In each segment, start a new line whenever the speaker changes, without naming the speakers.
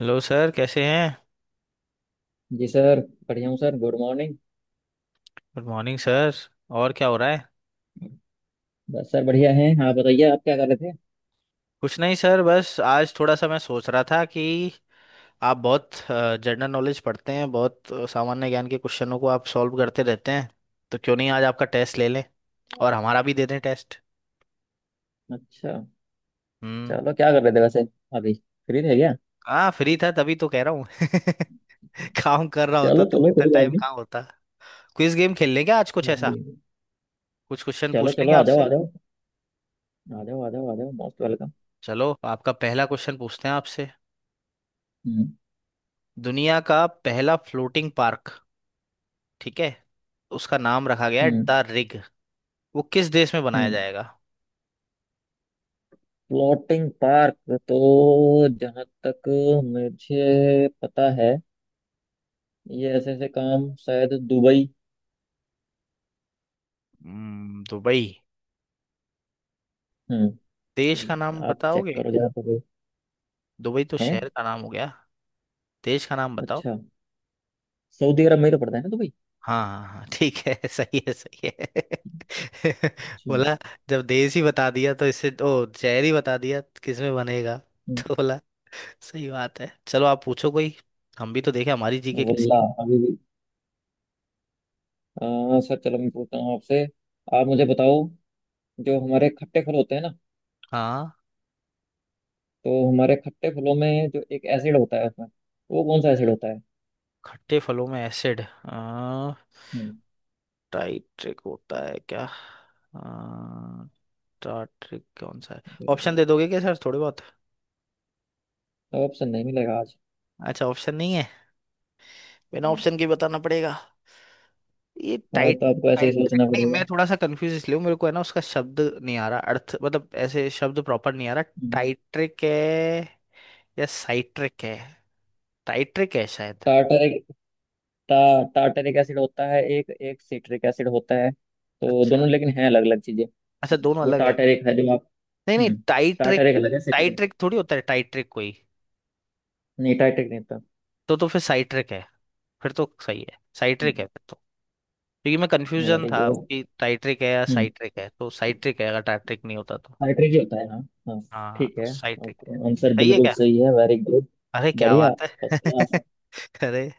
Hello sir, कैसे हैं।
जी सर। बढ़िया हूँ sir, good morning.
Good morning sir. और क्या हो रहा है।
बस सर, बढ़िया हैं। आप बताइए आप क्या कर रहे थे?
कुछ नहीं सर, बस आज थोड़ा सा मैं सोच रहा था कि आप बहुत जनरल नॉलेज पढ़ते हैं, बहुत सामान्य ज्ञान के क्वेश्चनों को आप सॉल्व करते रहते हैं। तो क्यों नहीं आज आपका टेस्ट ले लें, और हमारा भी दे दें टेस्ट।
अच्छा।
हम्म।
चलो क्या कर रहे थे वैसे, अभी फ्री थे क्या?
हाँ, फ्री था तभी तो कह रहा हूँ। काम कर रहा होता
चलो
तो
चलो
इतना
कोई बात
टाइम
नहीं।
कहाँ होता। क्विज गेम खेल लेंगे आज कुछ ऐसा।
हाँ,
कुछ क्वेश्चन
चलो
पूछ
चलो
लेंगे
आ जाओ
आपसे।
आ जाओ। आ जाओ आ जाओ आ जाओ मोस्ट वेलकम।
चलो, आपका पहला क्वेश्चन पूछते हैं आपसे।
हम्म।
दुनिया का पहला फ्लोटिंग पार्क, ठीक है, उसका नाम रखा गया है
हम्म।
द रिग, वो किस देश में बनाया
हम्म।
जाएगा।
फ्लोटिंग पार्क, तो जहाँ तक मुझे पता है ये ऐसे ऐसे काम शायद दुबई।
दुबई।
हम्म।
देश का नाम
आप चेक
बताओगे।
करो जरा दुबई
दुबई तो
है।
शहर का नाम हो गया, देश का नाम बताओ।
अच्छा, सऊदी अरब में ही तो पड़ता है ना दुबई?
हाँ, हाँ, हाँ, ठीक है। सही है, सही है।
अच्छा।
बोला, जब देश ही बता दिया तो इससे ओ शहर ही बता दिया किसमें बनेगा।
हम्म।
तो बोला, सही बात है। चलो, आप पूछो कोई। हम भी तो देखें हमारी जीके कैसी है।
वल्लाह अभी भी। सर चलो मैं पूछता हूँ आपसे, आप मुझे बताओ। जो हमारे खट्टे फल होते हैं ना,
हाँ।
तो हमारे खट्टे फलों में जो एक एसिड होता है उसमें, वो कौन सा एसिड होता है?
खट्टे फलों में एसिड
हम्म।
टाइट्रिक होता है क्या। आ, स्टार ट्रेक कौन सा है। ऑप्शन
बिल्कुल।
दे दोगे क्या सर थोड़े बहुत।
तो ऑप्शन नहीं मिलेगा आज।
अच्छा, ऑप्शन नहीं है। बिना
हम्म,
ऑप्शन के बताना पड़ेगा। ये
आज तो आपको ऐसे ही
टाइट्रिक
सोचना
नहीं, मैं
पड़ेगा।
थोड़ा सा कंफ्यूज इसलिए हूँ, मेरे को है ना, उसका शब्द नहीं आ रहा, अर्थ मतलब ऐसे शब्द प्रॉपर नहीं आ रहा।
हम्म।
टाइट्रिक है या साइट्रिक है, टाइट्रिक है शायद।
टार्टरिक। टार्टरिक एसिड होता है एक, एक सिट्रिक एसिड होता है, तो
अच्छा,
दोनों लेकिन हैं अलग अलग चीजें।
अच्छा, दोनों
वो
अलग है।
टार्टरिक है जो आप।
नहीं, नहीं,
हम्म।
टाइट्रिक।
टार्टरिक अलग है, सिट्रिक अलग है।
टाइट्रिक थोड़ी होता है, टाइट्रिक कोई।
नहीं टार्टरिक नहीं था।
तो फिर साइट्रिक है। फिर तो सही है, साइट्रिक है फिर तो। क्योंकि मैं कंफ्यूजन
वेरी
था वो
गुड।
कि टाइट्रिक है या साइट्रिक है, तो साइट्रिक है, अगर टाइट्रिक नहीं होता तो।
आर्टरी भी होता है, हाँ। हाँ
हाँ,
ठीक
तो
है,
साइट्रिक है
आंसर
सही है
बिल्कुल
क्या।
सही है, वेरी गुड।
अरे क्या
बढ़िया,
बात है।
First class.
अरे,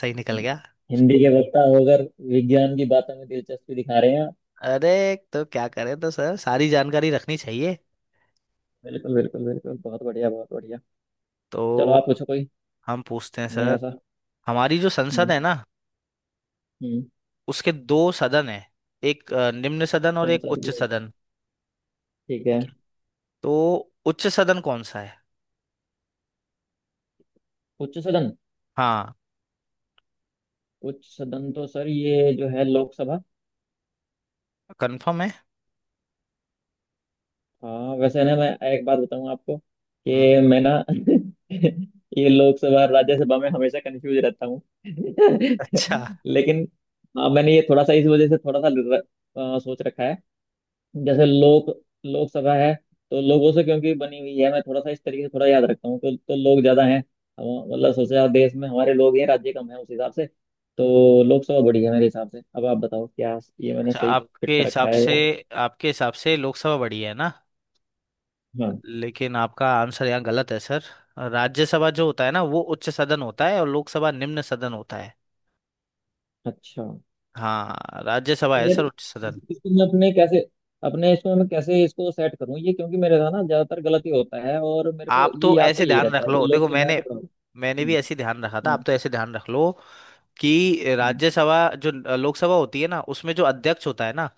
सही निकल गया।
हिंदी के वक्ता होकर विज्ञान की बातों में दिलचस्पी दिखा रहे हैं आप।
अरे, तो क्या करें, तो सर, सारी जानकारी रखनी चाहिए।
बिल्कुल बिल्कुल बिल्कुल, बहुत बढ़िया बहुत बढ़िया।
तो
चलो आप पूछो कोई
हम पूछते हैं
नया
सर।
सा।
हमारी जो संसद
हम्म।
है ना,
हम्म।
उसके दो सदन है, एक निम्न सदन और एक
संसद
उच्च
के,
सदन।
ठीक है।
तो उच्च सदन कौन सा है।
उच्च सदन।
हाँ।
उच्च सदन तो सर ये जो है लोकसभा।
कंफर्म
हाँ, वैसे ना मैं एक बात बताऊँ आपको
है।
कि मैं ना, ये लोकसभा और राज्यसभा में हमेशा कंफ्यूज रहता हूँ,
अच्छा,
लेकिन हाँ मैंने ये थोड़ा सा इस वजह से थोड़ा सा सोच रखा है। जैसे लोक, लोकसभा है, तो लोगों से क्योंकि बनी हुई है मैं थोड़ा सा इस तरीके से थोड़ा याद रखता हूँ, तो लोग ज्यादा हैं। मतलब सोचे आप देश में हमारे लोग हैं राज्य कम है उस हिसाब से, तो लोकसभा बड़ी है मेरे हिसाब से। अब आप बताओ क्या ये मैंने
अच्छा,
सही फिट
आपके
कर रखा
हिसाब
है
से, आपके हिसाब से लोकसभा बड़ी है ना।
हाँ।
लेकिन आपका आंसर यहाँ गलत है सर। राज्यसभा जो होता है ना, वो उच्च सदन होता है और लोकसभा निम्न सदन होता है।
अच्छा।
हाँ, राज्यसभा है
यार
सर उच्च सदन।
इसको मैं अपने कैसे, अपने इसमें मैं कैसे इसको सेट करूं ये? क्योंकि मेरे साथ ना ज्यादातर गलत ही होता है, और मेरे को
आप
ये
तो
याद तो
ऐसे
यही
ध्यान
रहता
रख
है
लो,
कि लोग
देखो,
सब है
मैंने
तो पढ़ो।
मैंने भी
हम्म।
ऐसे ध्यान रखा था, आप
हम्म।
तो ऐसे ध्यान रख लो। कि
हम्म।
राज्यसभा जो लोकसभा होती है ना, उसमें जो अध्यक्ष होता है ना,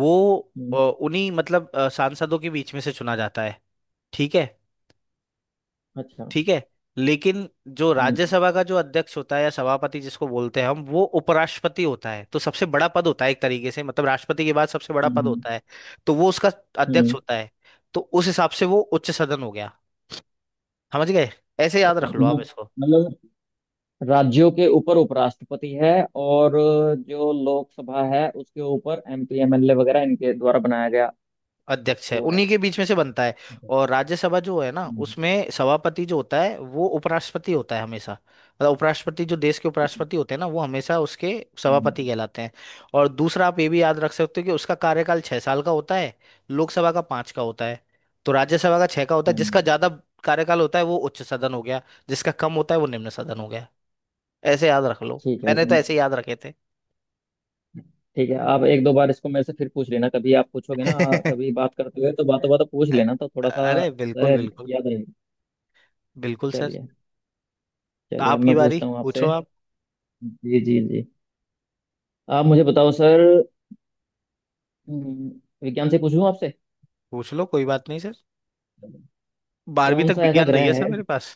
वो
हम्म। हम्म।
उन्हीं मतलब सांसदों के बीच में से चुना जाता है। ठीक है,
अच्छा।
ठीक है, लेकिन जो
हम्म।
राज्यसभा का जो अध्यक्ष होता है या सभापति जिसको बोलते हैं हम, वो उपराष्ट्रपति होता है, तो सबसे बड़ा पद होता है एक तरीके से, मतलब राष्ट्रपति के बाद सबसे बड़ा
हम्म।
पद
हम्म।
होता है। तो वो उसका अध्यक्ष
हम्म।
होता है। तो उस हिसाब से वो उच्च सदन हो गया। समझ गए, ऐसे याद
अच्छा
रख लो आप
मतलब
इसको।
मतलब राज्यों के ऊपर उपराष्ट्रपति है, और जो लोकसभा है उसके ऊपर एमपी एमएलए वगैरह इनके द्वारा बनाया गया
अध्यक्ष है
वो
उन्हीं
है।
के बीच में से बनता है।
अच्छा,
और राज्यसभा जो है ना,
हम्म,
उसमें सभापति जो होता है, वो उपराष्ट्रपति होता है हमेशा, मतलब उपराष्ट्रपति जो देश के
ठीक है।
उपराष्ट्रपति होते हैं ना, वो हमेशा उसके
हम्म।
सभापति कहलाते हैं। और दूसरा आप ये भी याद रख सकते हो, कि उसका कार्यकाल 6 साल का होता है। लोकसभा का पांच का होता है। तो राज्यसभा का छह का होता है,
हम्म,
जिसका ज्यादा कार्यकाल होता है वो उच्च सदन हो गया। जिसका कम होता है वो निम्न सदन हो गया। ऐसे याद रख लो,
ठीक है
मैंने तो
इसमें,
ऐसे ही याद रखे थे।
ठीक है। आप एक दो बार इसको मेरे से फिर पूछ लेना कभी आप पूछोगे ना, कभी बात करते हुए तो बातों बातों पूछ लेना तो थोड़ा
वाह।
सा
अरे बिल्कुल, बिल्कुल,
याद रहेगा।
बिल्कुल सर।
चलिए। चलिए अब
आपकी
मैं
बारी,
पूछता हूँ
पूछो
आपसे।
आप।
जी जी जी, आप मुझे बताओ सर। हम्म। विज्ञान से पूछूं आपसे?
पूछ लो कोई बात नहीं सर, 12वीं
कौन
तक
सा ऐसा
विज्ञान रही है
ग्रह है।
सर मेरे पास।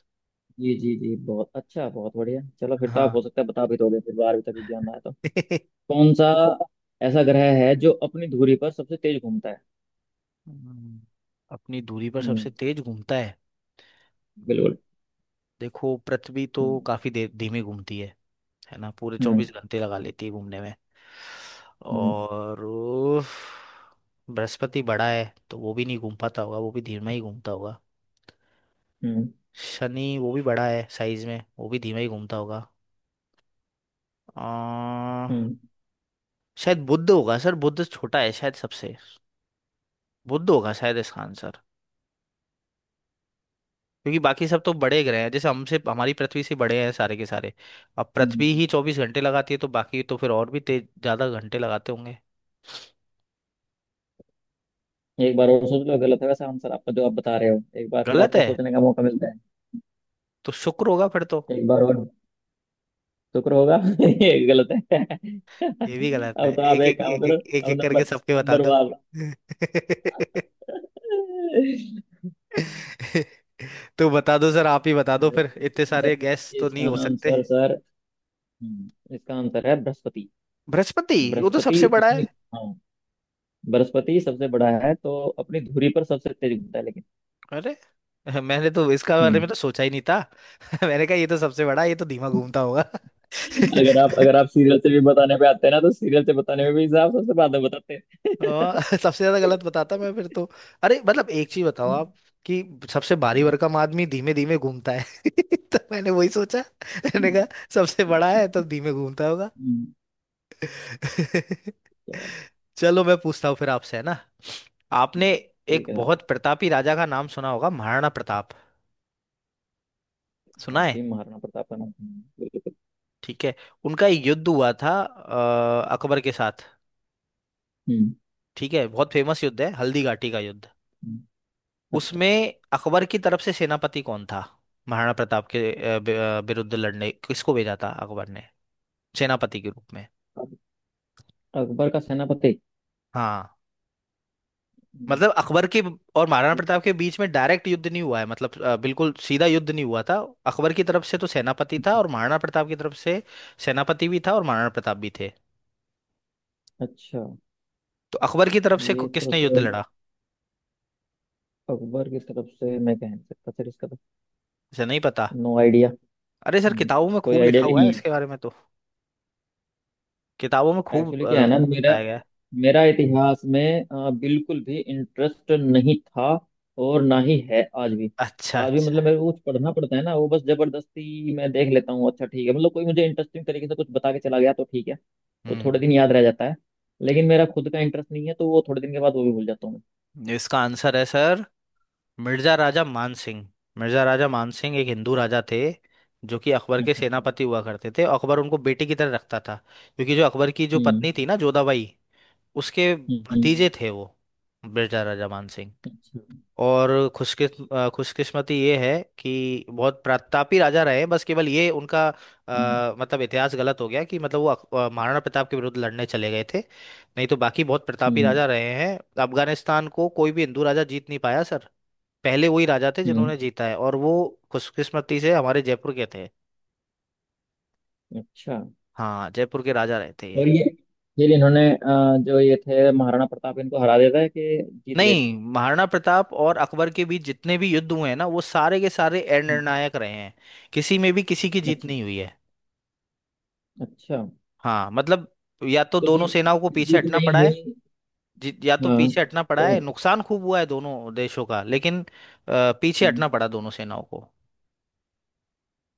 जी जी जी, बहुत अच्छा बहुत बढ़िया। चलो फिर तो आप
हाँ।
हो सकता है बता भी दोगे फिर, बारहवीं तक विज्ञान में आया तो। कौन सा ऐसा ग्रह है जो अपनी धुरी पर सबसे तेज घूमता है?
हम्म, अपनी दूरी पर
हम्म।
सबसे तेज घूमता है। हम्म,
बिल्कुल।
देखो, पृथ्वी तो
हम्म।
काफी देर धीमे घूमती है। है ना, पूरे
हम्म।
24 घंटे लगा लेती है घूमने में।
हम्म।
और उफ, बृहस्पति बड़ा है, तो वो भी नहीं घूम पाता होगा, वो भी धीमा ही घूमता होगा।
हम्म।
शनि वो भी बड़ा है साइज में, वो भी धीमा ही घूमता होगा। आ,
हम्म।
शायद बुध होगा सर, बुध छोटा है शायद सबसे। बुध होगा शायद इसका आंसर। क्योंकि बाकी सब तो बड़े ग्रह हैं, जैसे हमसे हमारी पृथ्वी से बड़े हैं सारे के सारे। अब
हम्म।
पृथ्वी ही 24 घंटे लगाती है, तो बाकी तो फिर और भी तेज ज्यादा घंटे लगाते होंगे।
एक बार और सोच लो, गलत होगा सब आंसर आपका जो आप बता रहे हो, एक बार फिर
गलत
आपको
है
सोचने का मौका मिलता है।
तो शुक्र होगा फिर तो।
एक बार और। शुक्र होगा। ये गलत है।
ये भी गलत है,
अब तो आप
एक
एक
एक
काम
एक
करो।
एक एक
अब
एक करके
नंबर,
सबके बता
नंबर
दूं।
वाला। अरे।
तो बता दो सर, आप ही बता दो फिर,
इसका
इतने
आंसर,
सारे गैस तो नहीं
इसका
हो सकते।
आंसर सर, इसका आंसर है बृहस्पति।
बृहस्पति? वो तो
बृहस्पति
सबसे बड़ा है।
अपनी, हाँ, बृहस्पति सबसे बड़ा है तो अपनी धुरी पर सबसे तेज घूमता है लेकिन।
अरे। मैंने तो इसका बारे
हम्म।
में तो सोचा ही नहीं था। मैंने कहा ये तो सबसे बड़ा है, ये तो धीमा घूमता होगा।
अगर आप अगर आप सीरियल से भी बताने पे आते हैं ना, तो सीरियल से बताने में भी आप सबसे बाद में बताते
हाँ। सबसे ज्यादा गलत बताता मैं फिर तो। अरे मतलब एक चीज बताओ
हैं।
आप कि सबसे भारी भरकम आदमी धीमे धीमे घूमता है। तो मैंने वही सोचा, मैंने कहा सबसे बड़ा है तो धीमे घूमता होगा।
हम्म। क्या-
चलो मैं पूछता हूँ फिर आपसे है ना। आपने
हम्म,
एक
ठीक है।
बहुत प्रतापी राजा का नाम सुना होगा, महाराणा प्रताप,
हाँ
सुना है।
जी, महाराणा प्रताप का नाम सुना है, बिल्कुल।
ठीक है, उनका एक युद्ध हुआ था अकबर के साथ।
हम्म।
ठीक है, बहुत फेमस युद्ध है, हल्दी घाटी का युद्ध।
हम्म। अच्छा।
उसमें अकबर की तरफ से सेनापति कौन था। महाराणा प्रताप के विरुद्ध लड़ने किसको भेजा था अकबर ने। सेनापति के रूप में।
अब अकबर का सेनापति।
हाँ,
हम्म।
मतलब अकबर के और महाराणा प्रताप के बीच में डायरेक्ट युद्ध नहीं हुआ है, मतलब बिल्कुल सीधा युद्ध नहीं हुआ था। अकबर की तरफ से तो सेनापति था, और महाराणा प्रताप की तरफ से सेनापति भी था और महाराणा प्रताप भी थे।
अच्छा।
तो अकबर की तरफ से
ये तो
किसने युद्ध
सर,
लड़ा।
अकबर की तरफ से मैं कह नहीं सकता सर, इसका तो
मुझे नहीं पता।
No idea.
अरे सर,
हम्म,
किताबों में
कोई
खूब
आइडिया
लिखा
भी
हुआ है
नहीं है।
इसके बारे में तो। किताबों में खूब
एक्चुअली क्या है ना, मेरा
बताया गया है।
मेरा इतिहास में बिल्कुल भी इंटरेस्ट नहीं था, और ना ही है आज भी।
अच्छा,
आज भी
अच्छा।
मतलब मेरे को कुछ पढ़ना पड़ता है ना वो बस जबरदस्ती मैं देख लेता हूँ, अच्छा ठीक है, मतलब कोई मुझे इंटरेस्टिंग तरीके से कुछ बता के चला गया तो ठीक है, वो थोड़े
हम्म
दिन याद रह जाता है। लेकिन मेरा खुद का इंटरेस्ट नहीं है तो वो थोड़े दिन के बाद वो भी भूल जाता हूँ
इसका आंसर है सर। मिर्जा राजा मान सिंह। मिर्जा राजा मान सिंह एक हिंदू राजा थे, जो कि अकबर
मैं।
के
अच्छा अच्छा।
सेनापति हुआ करते थे। अकबर उनको बेटे की तरह रखता था। क्योंकि जो अकबर की जो पत्नी
हम्म।
थी ना जोधाबाई, उसके
हम्म।
भतीजे थे वो, मिर्जा राजा मान सिंह।
अच्छा।
और खुशकिस्मती ये है कि बहुत प्रतापी राजा रहे, बस केवल ये उनका
हम्म।
मतलब इतिहास गलत हो गया कि मतलब वो महाराणा प्रताप के विरुद्ध लड़ने चले गए थे, नहीं तो बाकी बहुत प्रतापी
हम्म।
राजा रहे हैं। अफगानिस्तान को कोई भी हिंदू राजा जीत नहीं पाया सर। पहले वही राजा थे
हम्म।
जिन्होंने जीता है, और वो खुशकिस्मती से हमारे जयपुर के थे।
अच्छा
हाँ, जयपुर के राजा रहे थे ये।
और ये इन्होंने, जो ये थे महाराणा प्रताप, इनको हरा दिया था कि जीत गए थे?
नहीं, महाराणा प्रताप और अकबर के बीच जितने भी युद्ध हुए हैं ना, वो सारे के सारे
हम्म।
अनिर्णायक रहे हैं। किसी में भी किसी की जीत
अच्छा
नहीं हुई है।
अच्छा।
हाँ मतलब, या तो
तो
दोनों
जीत,
सेनाओं को पीछे
जीत
हटना
नहीं
पड़ा है।
हुई।
या तो
हाँ,
पीछे हटना पड़ा है,
तो
नुकसान खूब हुआ है दोनों देशों का, लेकिन पीछे
हम्म।
हटना पड़ा दोनों सेनाओं को।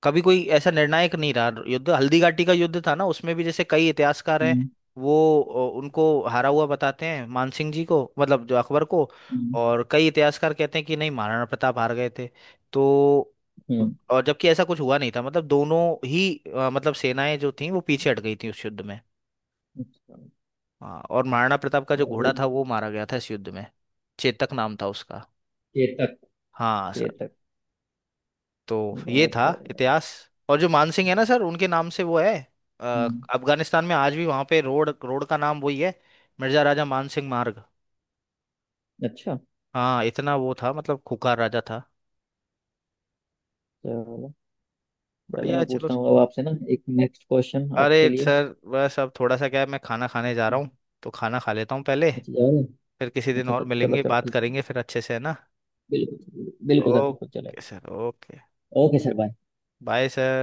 कभी कोई ऐसा निर्णायक नहीं रहा युद्ध। हल्दी घाटी का युद्ध था ना, उसमें भी जैसे कई इतिहासकार हैं।
हम्म।
वो उनको हारा हुआ बताते हैं, मानसिंह जी को, मतलब जो अकबर को।
हम्म।
और कई इतिहासकार कहते हैं कि नहीं, महाराणा प्रताप हार गए थे। तो
हम्म।
और जबकि ऐसा कुछ हुआ नहीं था, मतलब दोनों ही मतलब सेनाएं जो थी वो पीछे हट गई थी उस युद्ध में।
अच्छा।
हाँ, और महाराणा प्रताप का
क्या
जो घोड़ा
हुई?
था वो मारा गया था इस युद्ध में। चेतक नाम था उसका।
केतक।
हाँ सर।
केतक।
तो ये
बहुत
था
बढ़िया।
इतिहास। और जो मानसिंह है ना सर, उनके नाम से वो है,
हम्म।
अफगानिस्तान में आज भी वहां पे रोड रोड का नाम वही है। मिर्जा राजा मानसिंह मार्ग।
अच्छा
हाँ, इतना वो था, मतलब खुकार राजा था।
चलो। चले
बढ़िया है
मैं
चलो
पूछता हूँ
सर।
अब आपसे ना, एक नेक्स्ट क्वेश्चन आपके
अरे
लिए।
सर, बस अब थोड़ा सा क्या है, मैं खाना खाने जा रहा हूँ, तो खाना खा लेता हूँ पहले।
अच्छा, जा रहे हैं?
फिर किसी दिन
अच्छा अच्छा,
और
चलो
मिलेंगे,
चलो
बात
ठीक।
करेंगे फिर अच्छे से है ना।
बिल्कुल बिल्कुल सर, बिल्कुल चले।
Okay sir, okay.
Okay sir bye.
Bye sir.